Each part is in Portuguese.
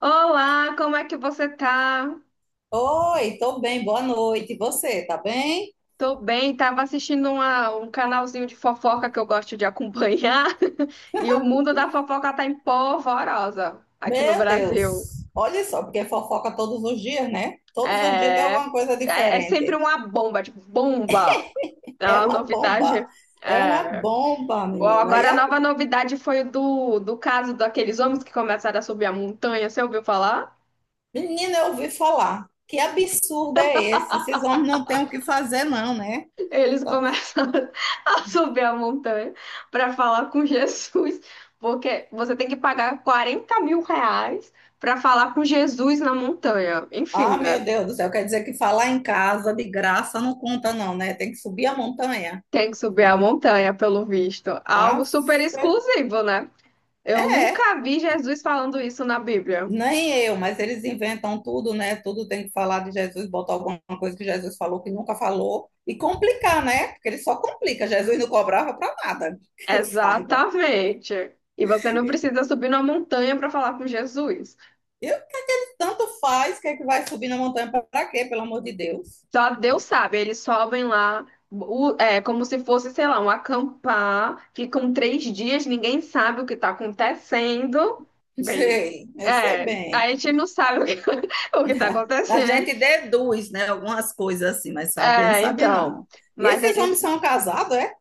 Olá, como é que você tá? Oi, tô bem, boa noite. E você, tá bem? Tô bem, tava assistindo um canalzinho de fofoca que eu gosto de acompanhar e o mundo da fofoca tá em polvorosa aqui no Meu Brasil. Deus, olha só, porque fofoca todos os dias, né? Todos os dias tem É, alguma coisa é sempre diferente. uma bomba, tipo, bomba. É É uma uma novidade. bomba, é uma É. bomba, Ó, menina. E agora a a nova novidade foi do caso daqueles homens que começaram a subir a montanha, você ouviu falar? Menina, eu ouvi falar. Que absurdo é esse? Esses homens não têm o que fazer, não, né? Eles começam a subir a montanha para falar com Jesus, porque você tem que pagar 40 mil reais para falar com Jesus na montanha. Enfim, Ah, né? meu Deus do céu, quer dizer que falar em casa de graça não conta, não, né? Tem que subir a montanha. Tem que subir a montanha, pelo visto. Algo Ah, super exclusivo, né? Eu nunca vi Jesus falando isso na Bíblia. nem eu, mas eles inventam tudo, né? Tudo tem que falar de Jesus, botar alguma coisa que Jesus falou que nunca falou e complicar, né? Porque ele só complica. Jesus não cobrava para nada, que eu saiba. Exatamente. E você não precisa subir numa montanha para falar com Jesus. Eu Tanto faz, que é que vai subir na montanha para quê? Pelo amor de Deus. Só Deus sabe, eles sobem lá, é como se fosse, sei lá, um acampar, ficam 3 dias, ninguém sabe o que está acontecendo. Bem, Sei, eu sei a bem. gente não sabe o que o que está A acontecendo. gente deduz, né, algumas coisas assim, mas saber não É, sabe então, não. E mas esses homens eles, são casados, é?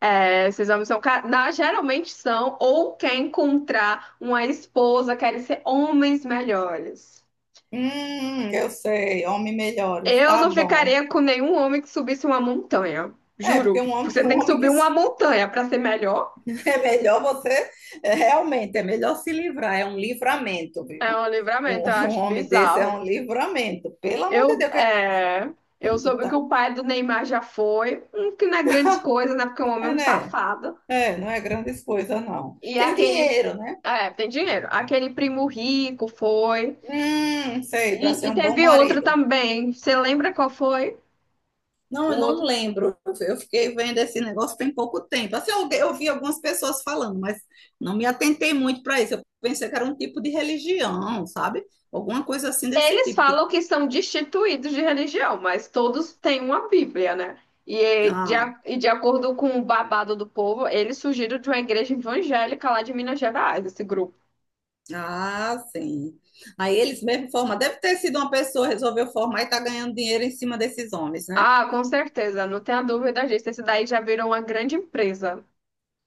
esses homens são, ca- na, geralmente são, ou quer encontrar uma esposa, querem ser homens melhores. Eu sei, homens melhores, Eu tá não bom. ficaria com nenhum homem que subisse uma montanha, É, porque juro. um homem, Você tem um que homem que subir uma montanha para ser melhor. é melhor você, é, realmente, é melhor se livrar, é um livramento, É viu? um Um, livramento, eu um acho homem desse é bizarro. um livramento, pelo amor de Eu, Deus, que é, eu é, soube que o pai do Neymar já foi, que não é grandes coisas, né? Porque o homem é é, um né? safado. É, não é grandes coisas, não. E Tem dinheiro, né? Tem dinheiro. Aquele primo rico foi. Sei, para E, ser e um bom teve outro marido. também. Você lembra qual foi? Não, O eu não outro. lembro. Eu fiquei vendo esse negócio tem pouco tempo. Assim, eu vi algumas pessoas falando, mas não me atentei muito para isso. Eu pensei que era um tipo de religião, sabe? Alguma coisa assim desse Eles tipo. Falam que são destituídos de religião, mas todos têm uma Bíblia, né? E eh, de, ah, a- e de acordo com o babado do povo, eles surgiram de uma igreja evangélica lá de Minas Gerais, esse grupo. Ah, sim. Aí eles mesmo formam. Deve ter sido uma pessoa que resolveu formar e está ganhando dinheiro em cima desses homens, né? Ah, com certeza, não tenha dúvida disso. Esse daí já virou uma grande empresa.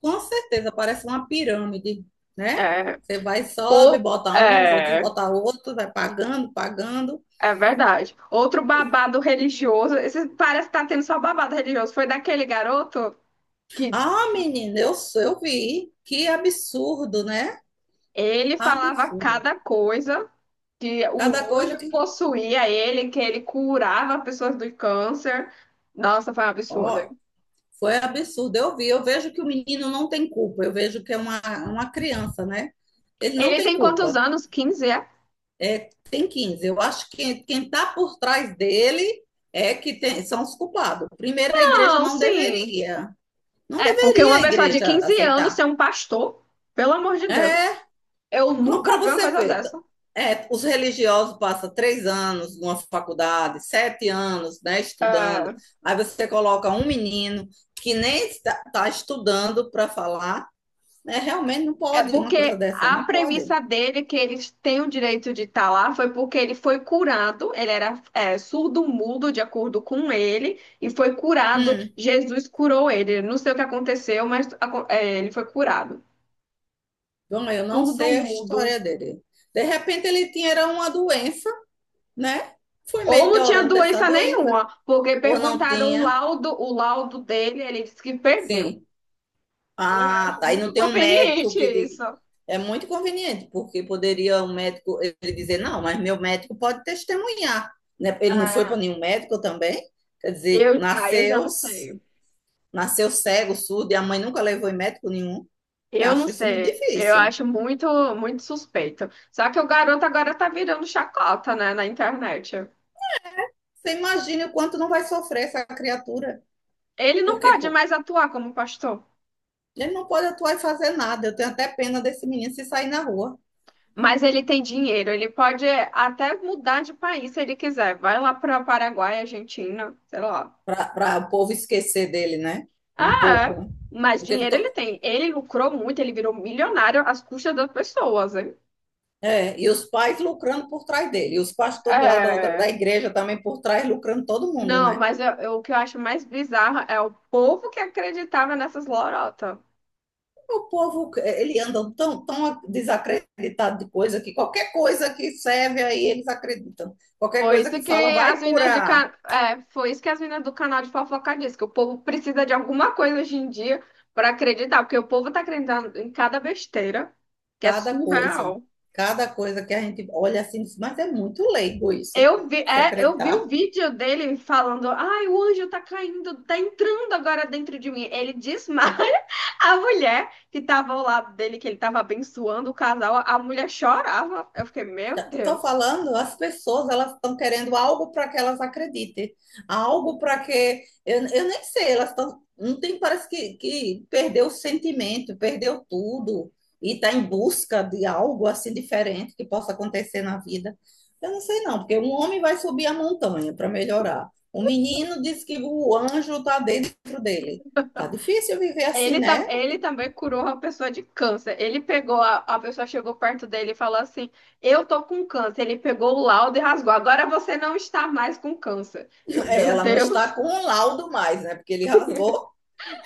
Com certeza, parece uma pirâmide, né? É, Você vai, sobe, ou, bota uns, outros é, bota outros, vai pagando, pagando. é, verdade. Outro babado religioso. Esse parece que tá tendo só babado religioso. Foi daquele garoto que Ah, menina, eu vi. Que absurdo, né? ele falava Absurdo. cada coisa, que Cada o coisa anjo que. possuía ele, que ele curava pessoas do câncer. Nossa, foi um absurdo. Ó, foi absurdo. Eu vi. Eu vejo que o menino não tem culpa. Eu vejo que é uma criança, né? Ele não Ele tem tem quantos culpa. anos? 15? É? Tem 15. Eu acho que quem está por trás dele é que tem, são os culpados. Primeiro, a igreja Não, não sim. deveria, não É, porque deveria uma a pessoa de igreja 15 anos aceitar. ser um pastor, pelo amor de É, Deus. Eu para nunca vi uma você coisa ver, dessa. é, os religiosos passam três anos numa faculdade, sete anos, né, estudando. Aí você coloca um menino que nem está estudando para falar, né, realmente não É, pode uma coisa porque dessa, a não pode. premissa dele, que eles têm o direito de estar lá, foi porque ele foi curado, ele era surdo-mudo, de acordo com ele, e foi curado, Hum, Jesus curou ele. Não sei o que aconteceu, mas ele foi curado. bom, eu não sei a Surdo-mudo. história dele. De repente ele tinha uma doença, né? Fui Ou não tinha melhorando dessa doença doença nenhuma, porque ou não perguntaram o tinha? laudo, o laudo dele, ele disse que perdeu. Sim. Eu Ah, acho tá. E não muito tem um médico conveniente que diga. isso. É muito conveniente, porque poderia um médico ele dizer, não, mas meu médico pode testemunhar. Né? Ele não foi para nenhum médico também. Quer dizer, Eu já nasceu, não sei. nasceu cego, surdo, e a mãe nunca levou em médico nenhum. Eu Eu não acho isso muito sei, eu difícil. acho muito, muito suspeito. Só que o garoto agora tá virando chacota, né, na internet. Você imagina o quanto não vai sofrer essa criatura. Ele não Porque pode pô, mais atuar como pastor, ele não pode atuar e fazer nada. Eu tenho até pena desse menino se sair na rua. mas ele tem dinheiro, ele pode até mudar de país se ele quiser. Vai lá para Paraguai, Argentina, sei lá. Para o povo esquecer dele, né? Um Ah, pouco, é. né? Mas Porque dinheiro ele tem. Ele lucrou muito, ele virou milionário às custas das pessoas, hein? E os pais lucrando por trás dele, e os pastores lá da outra, da É. igreja também por trás lucrando todo mundo, Não, né? mas o que eu acho mais bizarro é o povo que acreditava nessas lorotas. O povo, ele anda tão, tão desacreditado de coisa que qualquer coisa que serve aí eles acreditam. Qualquer Foi coisa isso que que fala as vai minas de curar. ca... Foi isso que as minas do canal de fofoca disse, que o povo precisa de alguma coisa hoje em dia para acreditar, porque o povo tá acreditando em cada besteira, que é Cada coisa, surreal. cada coisa que a gente olha assim, diz, mas é muito leigo isso, Eu vi, se é, eu vi o acreditar. vídeo dele falando, ai, o anjo tá caindo, tá entrando agora dentro de mim. Ele desmaia a mulher que tava ao lado dele, que ele tava abençoando o casal, a mulher chorava. Eu fiquei, meu Estou Deus. falando, as pessoas, elas estão querendo algo para que elas acreditem, algo para que eu nem sei, elas estão, não tem, parece que perdeu o sentimento, perdeu tudo e está em busca de algo assim diferente que possa acontecer na vida. Eu não sei não, porque um homem vai subir a montanha para melhorar. O menino diz que o anjo está dentro dele. Tá difícil viver assim, Ele, tam- né? ele também curou uma pessoa de câncer. A pessoa chegou perto dele e falou assim: Eu tô com câncer. Ele pegou o laudo e rasgou. Agora você não está mais com câncer. Eu, É, meu ela não está Deus, com um laudo mais, né? Porque ele rasgou.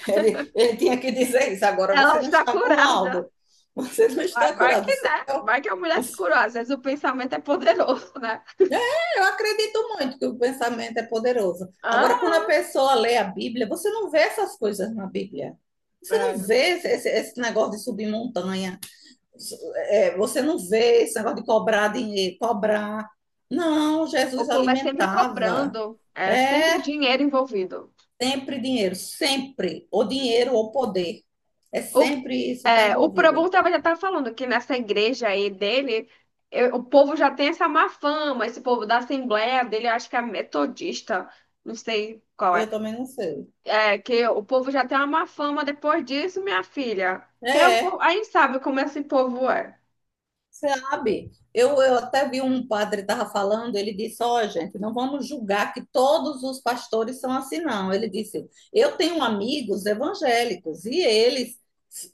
Ele tinha que dizer isso. Agora ela você não está está com curada. laudo, você não Vai, está vai curado. que, né? Vai que a mulher Eu, se curou. Às vezes o pensamento é poderoso, né? eu acredito muito que o pensamento é poderoso. Ah, Agora, quando a pessoa lê a Bíblia, você não vê essas coisas na Bíblia. Você não é. vê esse negócio de subir montanha. É, você não vê esse negócio de cobrar dinheiro, cobrar. Não, O Jesus povo é sempre alimentava. cobrando, é sempre É dinheiro envolvido. sempre dinheiro, sempre. Ou dinheiro ou poder. É O, sempre isso que está o Probon envolvido. tava, já tá falando que nessa igreja aí dele, o povo já tem essa má fama, esse povo da Assembleia dele, eu acho que é metodista, não sei qual é. Eu também não sei. É, que o povo já tem uma má fama depois disso, minha filha. Que é um povo, É, aí sabe como esse povo é, sabe? Eu até vi um padre estava falando, ele disse, ó, gente, não vamos julgar que todos os pastores são assim, não. Ele disse, eu tenho amigos evangélicos e eles,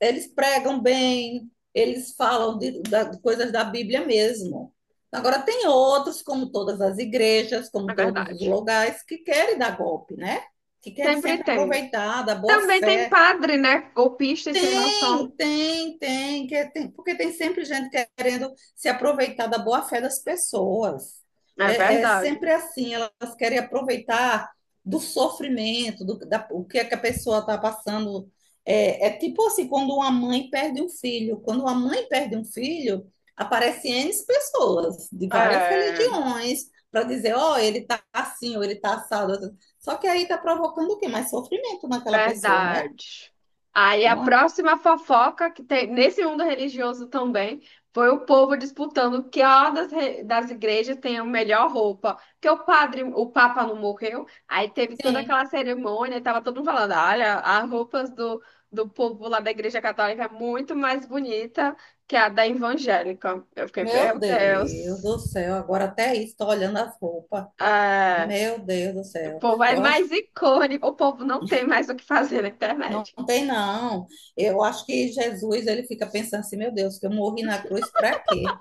eles pregam bem, eles falam de coisas da Bíblia mesmo. Agora, tem outros, como todas as igrejas, é como todos os verdade. lugares, que querem dar golpe, né? Que querem Sempre sempre tem. aproveitar da boa Também tem fé. padre, né? Golpista e sem noção. Tem, tem, tem, porque tem sempre gente querendo se aproveitar da boa-fé das pessoas. É É verdade. sempre assim, elas querem aproveitar do sofrimento, o que é que a pessoa está passando. É tipo assim, quando uma mãe perde um filho. Quando uma mãe perde um filho, aparecem N pessoas de várias É. religiões para dizer, ó, ele está assim, ou ele está assado. Só que aí está provocando o quê? Mais sofrimento naquela pessoa, né? Verdade. Aí a É uma... próxima fofoca que tem nesse mundo religioso também foi o povo disputando que das igrejas tem a melhor roupa. Porque o padre, o Papa não morreu, aí teve toda Sim. aquela cerimônia e tava todo mundo falando: olha, as roupas do povo lá da igreja católica é muito mais bonita que a da evangélica. Eu fiquei, Meu meu Deus Deus. do céu, agora até isso, tô olhando as roupas. É, Meu Deus do o céu. povo é Eu acho, mais icônico, o povo não tem mais o que fazer na não internet. tem não. Eu acho que Jesus, ele fica pensando assim, meu Deus, que eu morri na cruz para quê?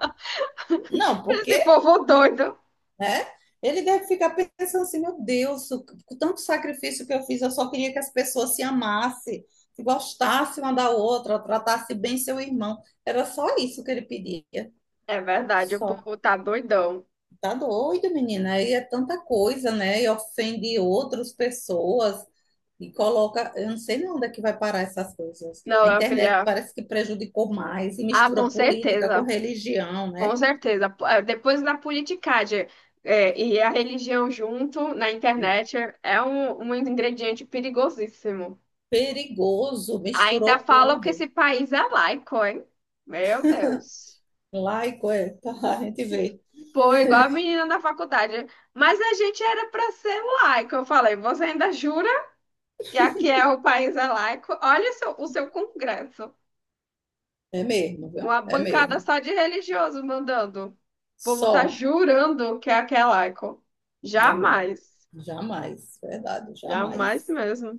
Não, porque, Esse povo doido. né? Ele deve ficar pensando assim, meu Deus, com tanto sacrifício que eu fiz, eu só queria que as pessoas se amassem, se gostassem uma da outra, tratassem bem seu irmão. Era só isso que ele pedia. É verdade, o Só. povo tá doidão. Tá doido, menina. Aí é tanta coisa, né? E ofende outras pessoas e coloca. Eu não sei nem onde é que vai parar essas coisas. Não, A minha internet filha. parece que prejudicou mais e Ah, mistura com política com certeza. religião, né? Com certeza. Depois da politicagem, e a religião junto na internet é um ingrediente perigosíssimo. Perigoso, Ainda misturou falam que esse tudo. país é laico, hein? Meu Deus. Laico é, tá, a gente vê. Pô, igual a menina da faculdade. Mas a gente era para ser laico. Eu falei, você ainda jura que aqui é o país é laico? Olha o seu congresso. É mesmo, viu? Uma É bancada mesmo. só de religioso mandando. O povo tá Só, jurando que é aquela Icon. é mesmo. Jamais. Jamais, verdade, Jamais jamais. mesmo.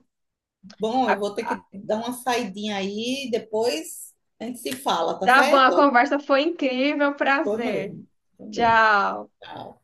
Bom, A, eu vou ter a, que dar uma saidinha aí, depois a gente se fala, tá tá bom, a certo? conversa foi incrível. Foi Prazer. mesmo, também. Tchau. Ah.